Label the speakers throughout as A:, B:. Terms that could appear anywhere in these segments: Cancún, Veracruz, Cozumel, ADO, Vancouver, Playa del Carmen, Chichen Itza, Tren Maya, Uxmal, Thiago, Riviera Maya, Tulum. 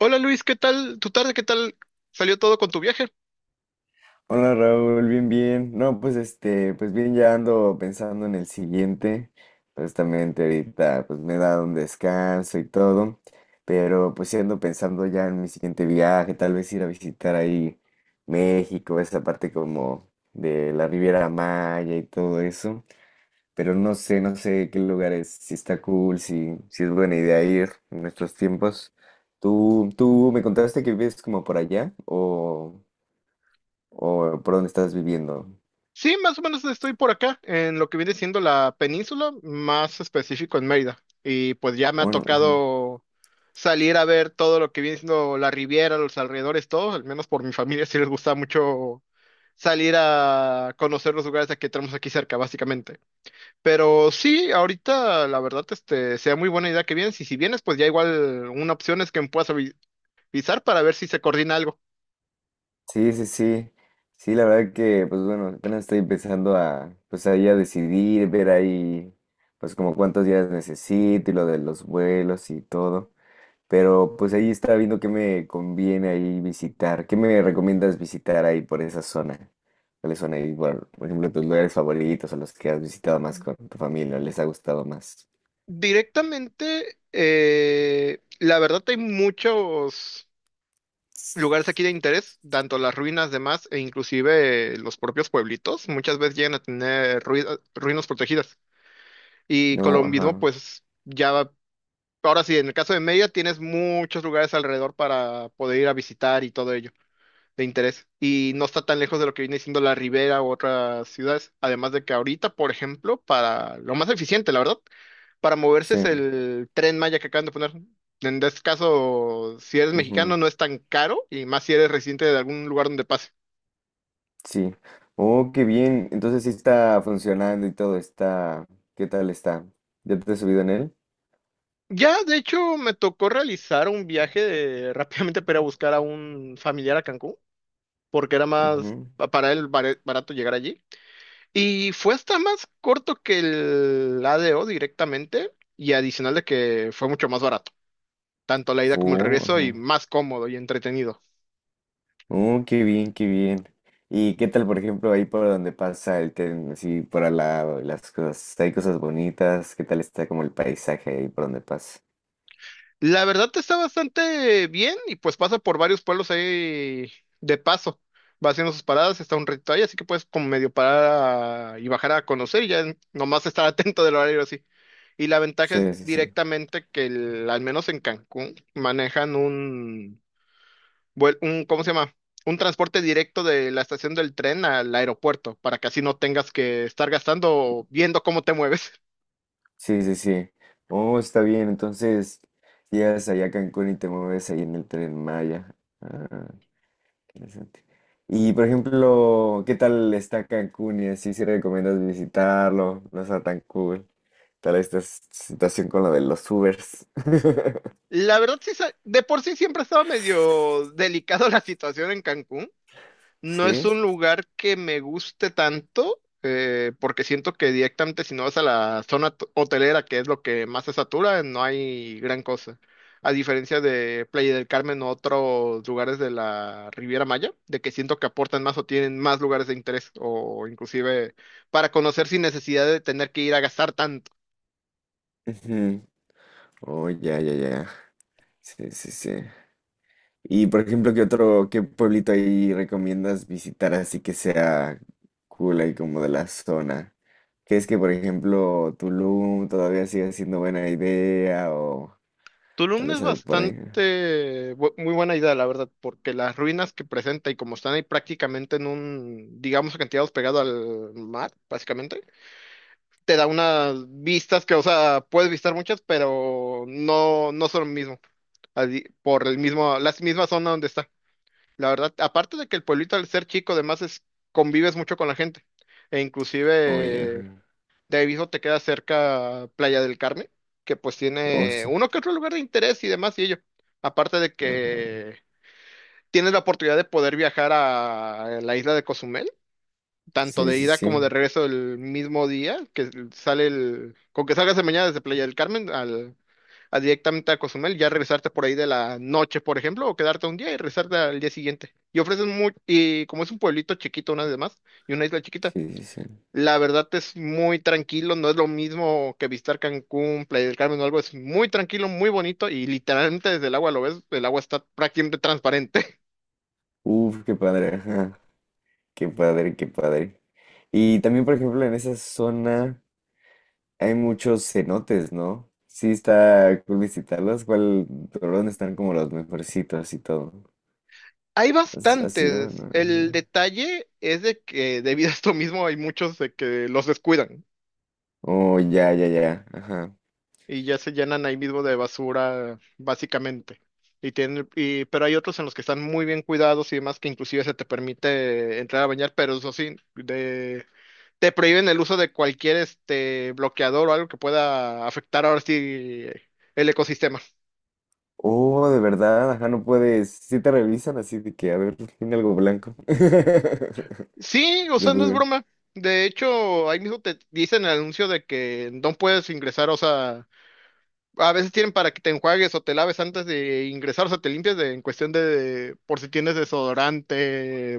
A: Hola Luis, ¿qué tal tu tarde? ¿Qué tal salió todo con tu viaje?
B: Hola Raúl, bien, bien. No, pues pues bien, ya ando pensando en el siguiente. Justamente ahorita pues me he dado un descanso y todo, pero pues sí ando pensando ya en mi siguiente viaje, tal vez ir a visitar ahí México, esa parte como de la Riviera Maya y todo eso, pero no sé, no sé qué lugares, si está cool, si, si es buena idea ir en estos tiempos. ¿Tú me contaste que vives como por allá o por dónde estás viviendo?
A: Sí, más o menos estoy por acá, en lo que viene siendo la península, más específico en Mérida. Y pues ya me ha
B: O no, ajá.
A: tocado salir a ver todo lo que viene siendo la Riviera, los alrededores, todo. Al menos por mi familia sí les gusta mucho salir a conocer los lugares que tenemos aquí cerca, básicamente. Pero sí, ahorita la verdad, sea muy buena idea que vienes, y si vienes, pues ya igual una opción es que me puedas avisar para ver si se coordina algo.
B: Sí, sí, sí. Sí, la verdad que, pues bueno, apenas estoy empezando a, pues ahí a decidir, ver ahí, pues como cuántos días necesito y lo de los vuelos y todo. Pero pues ahí estaba viendo qué me conviene ahí visitar. ¿Qué me recomiendas visitar ahí por esa zona? ¿Cuáles son ahí, por ejemplo, tus lugares favoritos o los que has visitado más con tu familia, les ha gustado más?
A: Directamente, la verdad hay muchos lugares aquí de interés, tanto las ruinas demás e inclusive los propios pueblitos, muchas veces llegan a tener ruinas protegidas. Y con lo
B: No,
A: mismo,
B: ajá,
A: pues ya, ahora sí, en el caso de Mérida tienes muchos lugares alrededor para poder ir a visitar y todo ello de interés, y no está tan lejos de lo que viene siendo la Ribera u otras ciudades. Además de que ahorita, por ejemplo, para lo más eficiente, la verdad, para moverse
B: sí.
A: es el Tren Maya que acaban de poner. En este caso, si eres mexicano, no es tan caro, y más si eres residente de algún lugar donde pase.
B: Sí. Oh, qué bien. Entonces sí está funcionando y todo está. ¿Qué tal está? ¿Ya te has subido en él?
A: Ya, de hecho, me tocó realizar un rápidamente para ir a buscar a un familiar a Cancún, porque era más
B: Ujú.
A: para él barato llegar allí. Y fue hasta más corto que el ADO directamente, y adicional de que fue mucho más barato, tanto la ida como el
B: Oh,
A: regreso, y
B: ajá.
A: más cómodo y entretenido.
B: Oh, qué bien, qué bien. ¿Y qué tal, por ejemplo, ahí por donde pasa el tren, así por al lado, y las cosas, hay cosas bonitas, qué tal está como el paisaje ahí por donde pasa?
A: La verdad está bastante bien, y pues pasa por varios pueblos ahí de paso. Va haciendo sus paradas, está un ratito ahí, así que puedes como medio parar y bajar a conocer, y ya nomás estar atento del horario así. Y la ventaja es
B: Sí, sí, sí.
A: directamente que al menos en Cancún manejan un, ¿cómo se llama? Un transporte directo de la estación del tren al aeropuerto, para que así no tengas que estar gastando o viendo cómo te mueves.
B: Sí, sí, sí. Oh, está bien. Entonces, llegas allá a Cancún y te mueves ahí en el tren Maya. Ah. Interesante. Y por ejemplo, ¿qué tal está Cancún y así si recomiendas visitarlo? No está tan cool. Tal esta situación con lo de los Ubers.
A: La verdad, sí, de por sí siempre estaba medio delicado la situación en Cancún. No es
B: ¿Sí?
A: un lugar que me guste tanto, porque siento que directamente si no vas a la zona hotelera, que es lo que más se satura, no hay gran cosa. A diferencia de Playa del Carmen o otros lugares de la Riviera Maya, de que siento que aportan más o tienen más lugares de interés, o inclusive para conocer sin necesidad de tener que ir a gastar.
B: Ujú. Oh, ya, ya, ya. Sí, sí, sí. Y por ejemplo, ¿qué otro, qué pueblito ahí recomiendas visitar así que sea cool ahí como de la zona? ¿Crees que por ejemplo Tulum todavía sigue siendo buena idea o tal
A: Tulum es
B: vez algo por ahí?
A: bastante muy buena idea, la verdad, porque las ruinas que presenta y como están ahí prácticamente en un, digamos, acantilados pegado al mar, básicamente, te da unas vistas que, o sea, puedes visitar muchas, pero no, no son lo mismo, así, por el mismo, la misma zona donde está. La verdad, aparte de que el pueblito al ser chico, además es, convives mucho con la gente, e
B: Oye.
A: inclusive de Aviso te queda cerca Playa del Carmen, que pues tiene uno que otro lugar de interés y demás y ello. Aparte de
B: Ajá.
A: que tienes la oportunidad de poder viajar a la isla de Cozumel, tanto
B: Sí,
A: de
B: sí,
A: ida como de
B: sí.
A: regreso el mismo día, que sale el, con que salgas de mañana desde Playa del Carmen al, a directamente a Cozumel, ya regresarte por ahí de la noche, por ejemplo, o quedarte un día y regresarte al día siguiente. Y ofrecen muy, y como es un pueblito chiquito, una vez más, y una isla chiquita,
B: Sí, sí, sí.
A: la verdad es muy tranquilo, no es lo mismo que visitar Cancún, Playa del Carmen o algo, es muy tranquilo, muy bonito y literalmente desde el agua lo ves, el agua está prácticamente transparente.
B: Uf, qué padre, ajá. Qué padre, qué padre. Y también, por ejemplo, en esa zona hay muchos cenotes, ¿no? Sí, está cool visitarlos. ¿Cuál, por dónde están como los mejorcitos y todo?
A: Hay
B: ¿Has ido? No,
A: bastantes, el
B: ajá.
A: detalle es de que debido a esto mismo hay muchos de que los descuidan
B: Oh, ya, ya, ya. Ajá.
A: y ya se llenan ahí mismo de basura, básicamente. Y tienen, y, pero hay otros en los que están muy bien cuidados y demás, que inclusive se te permite entrar a bañar, pero eso sí, de te prohíben el uso de cualquier este bloqueador o algo que pueda afectar ahora sí el ecosistema.
B: Oh, de verdad, ajá, no puedes. Sí te revisan así de que, a ver, tiene algo blanco.
A: Sí, o
B: De
A: sea, no es
B: poder.
A: broma. De hecho, ahí mismo te dicen el anuncio de que no puedes ingresar, o sea, a veces tienen para que te enjuagues o te laves antes de ingresar, o sea, te limpias en cuestión de por si tienes desodorante,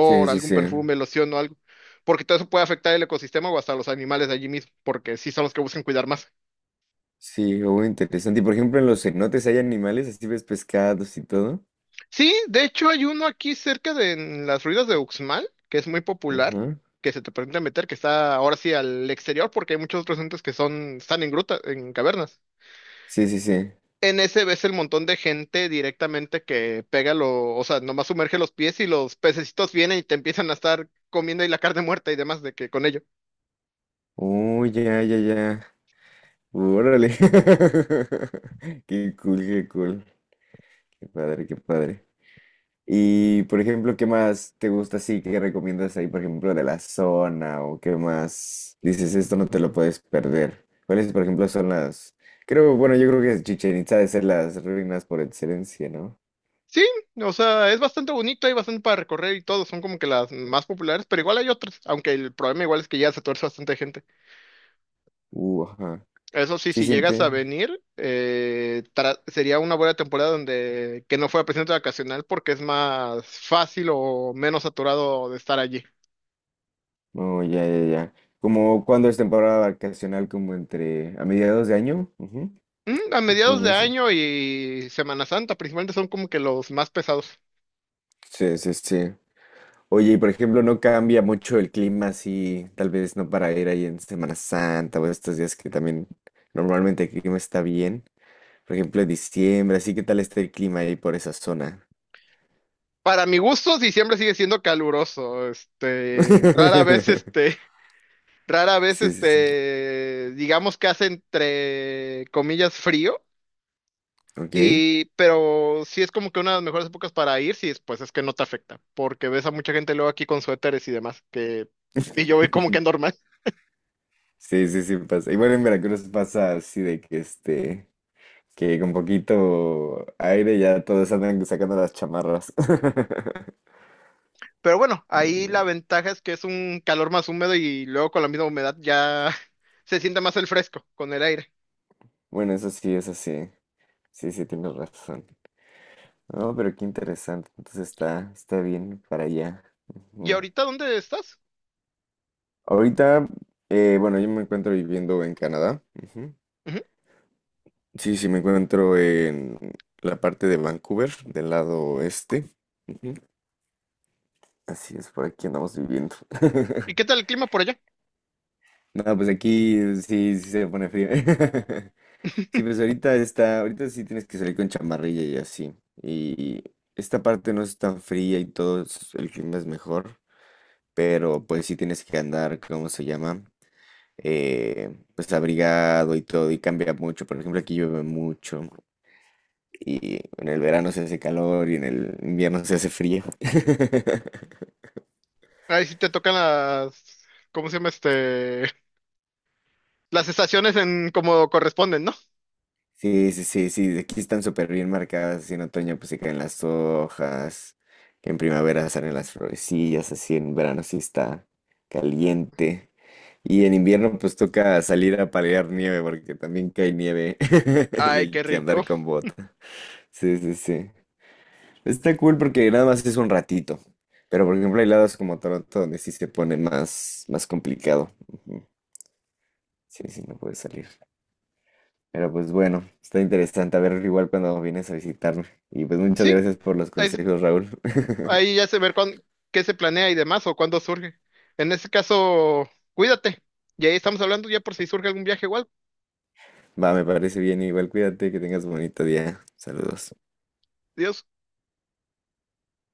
B: Sí, sí,
A: algún
B: sí.
A: perfume, loción o algo, porque todo eso puede afectar el ecosistema o hasta los animales de allí mismo, porque sí son los que buscan cuidar más.
B: Sí, oh, interesante. Y por ejemplo, en los cenotes hay animales, así ves pescados y todo.
A: Sí, de hecho hay uno aquí cerca de en las ruinas de Uxmal, que es muy popular,
B: Ajá.
A: que se te permite meter, que está ahora sí al exterior, porque hay muchos otros entes que son, están en grutas, en cavernas.
B: Sí, sí, sí.
A: En ese ves el montón de gente directamente que pega lo, o sea, nomás sumerge los pies y los pececitos vienen y te empiezan a estar comiendo y la carne muerta y demás de que con ello.
B: Oh, ya, ya, ya. Órale. Qué cool, qué cool. Qué padre, qué padre. Y por ejemplo, ¿qué más te gusta así? ¿Qué recomiendas ahí, por ejemplo, de la zona? ¿O qué más dices, esto no te lo puedes perder? ¿Cuáles, por ejemplo, son las... Creo, bueno, yo creo que Chichen Itza ha de ser las ruinas por excelencia, ¿no?
A: Sí, o sea, es bastante bonito, hay bastante para recorrer y todo, son como que las más populares, pero igual hay otras, aunque el problema igual es que ya se tuerce bastante gente.
B: Ajá.
A: Eso sí,
B: Sí
A: si llegas a
B: siente.
A: venir, sería una buena temporada donde que no fuera presidente vacacional, porque es más fácil o menos saturado de estar allí.
B: Oh, ya, ya, ya. Como cuando es temporada vacacional, como entre a mediados de año. Ujú.
A: Mm, a mediados
B: ¿Cuándo
A: de
B: es?
A: año y Semana Santa principalmente son como que los más pesados.
B: Sí, sí, sí. Oye, y por ejemplo, no cambia mucho el clima así, tal vez no para ir ahí en Semana Santa o estos días que también normalmente el clima está bien. Por ejemplo, en diciembre, así que tal está el clima ahí por esa zona.
A: Para mi gusto, diciembre sigue siendo caluroso. Rara vez,
B: Sí, sí, sí.
A: digamos que hace entre comillas frío.
B: Ok.
A: Y, pero sí es como que una de las mejores épocas para ir, si pues es que no te afecta, porque ves a mucha gente luego aquí con suéteres y demás, que, y yo voy como que normal.
B: Sí, sí, sí pasa. Y bueno, en Veracruz pasa así de que este, que con poquito aire ya todos andan sacando las chamarras.
A: Pero bueno, ahí
B: Mm.
A: la ventaja es que es un calor más húmedo y luego con la misma humedad ya se siente más el fresco con el aire.
B: Bueno, eso sí, eso sí. Sí, sí, tienes razón. No, pero qué interesante. Entonces está, está bien para allá.
A: ¿Y
B: Ujú.
A: ahorita dónde estás?
B: Ahorita, bueno, yo me encuentro viviendo en Canadá. Ujú.
A: Ujú.
B: Sí, sí, me encuentro en la parte de Vancouver, del lado este. Ujú. Así es, por aquí andamos viviendo.
A: ¿Y qué tal el clima por allá?
B: No, pues aquí sí, sí se pone frío. Sí, pues ahorita está, ahorita sí tienes que salir con chamarrilla y así. Y esta parte no es tan fría y todo, el clima es mejor, pero pues sí tienes que andar, ¿cómo se llama? Pues abrigado y todo, y cambia mucho. Por ejemplo, aquí llueve mucho y en el verano se hace calor y en el invierno se hace frío.
A: Ahí sí te tocan las, ¿cómo se llama este? Las estaciones en como corresponden, ¿no?
B: Sí, sí, sí, sí, aquí están súper bien marcadas, así en otoño pues se caen las hojas, que en primavera salen las florecillas, así en verano sí está caliente. Y en invierno pues toca salir a palear nieve porque también cae nieve y
A: Ay,
B: hay
A: qué
B: que andar
A: rico.
B: con bota. Sí, sí, sí. Está cool porque nada más es un ratito, pero por ejemplo hay lados como Toronto donde sí se pone más, más complicado. Ujú. Sí, sí, no puedes salir. Pero pues bueno, está interesante a ver igual cuando vienes a visitarme. Y pues muchas
A: Sí,
B: gracias por los
A: ahí
B: consejos, Raúl.
A: Ahí ya se ver cuán- qué se planea y demás o cuándo surge. En ese caso, cuídate. Y ahí estamos hablando ya por si surge algún viaje igual.
B: Va, me parece bien, igual cuídate, que tengas bonito día. Saludos.
A: Dios.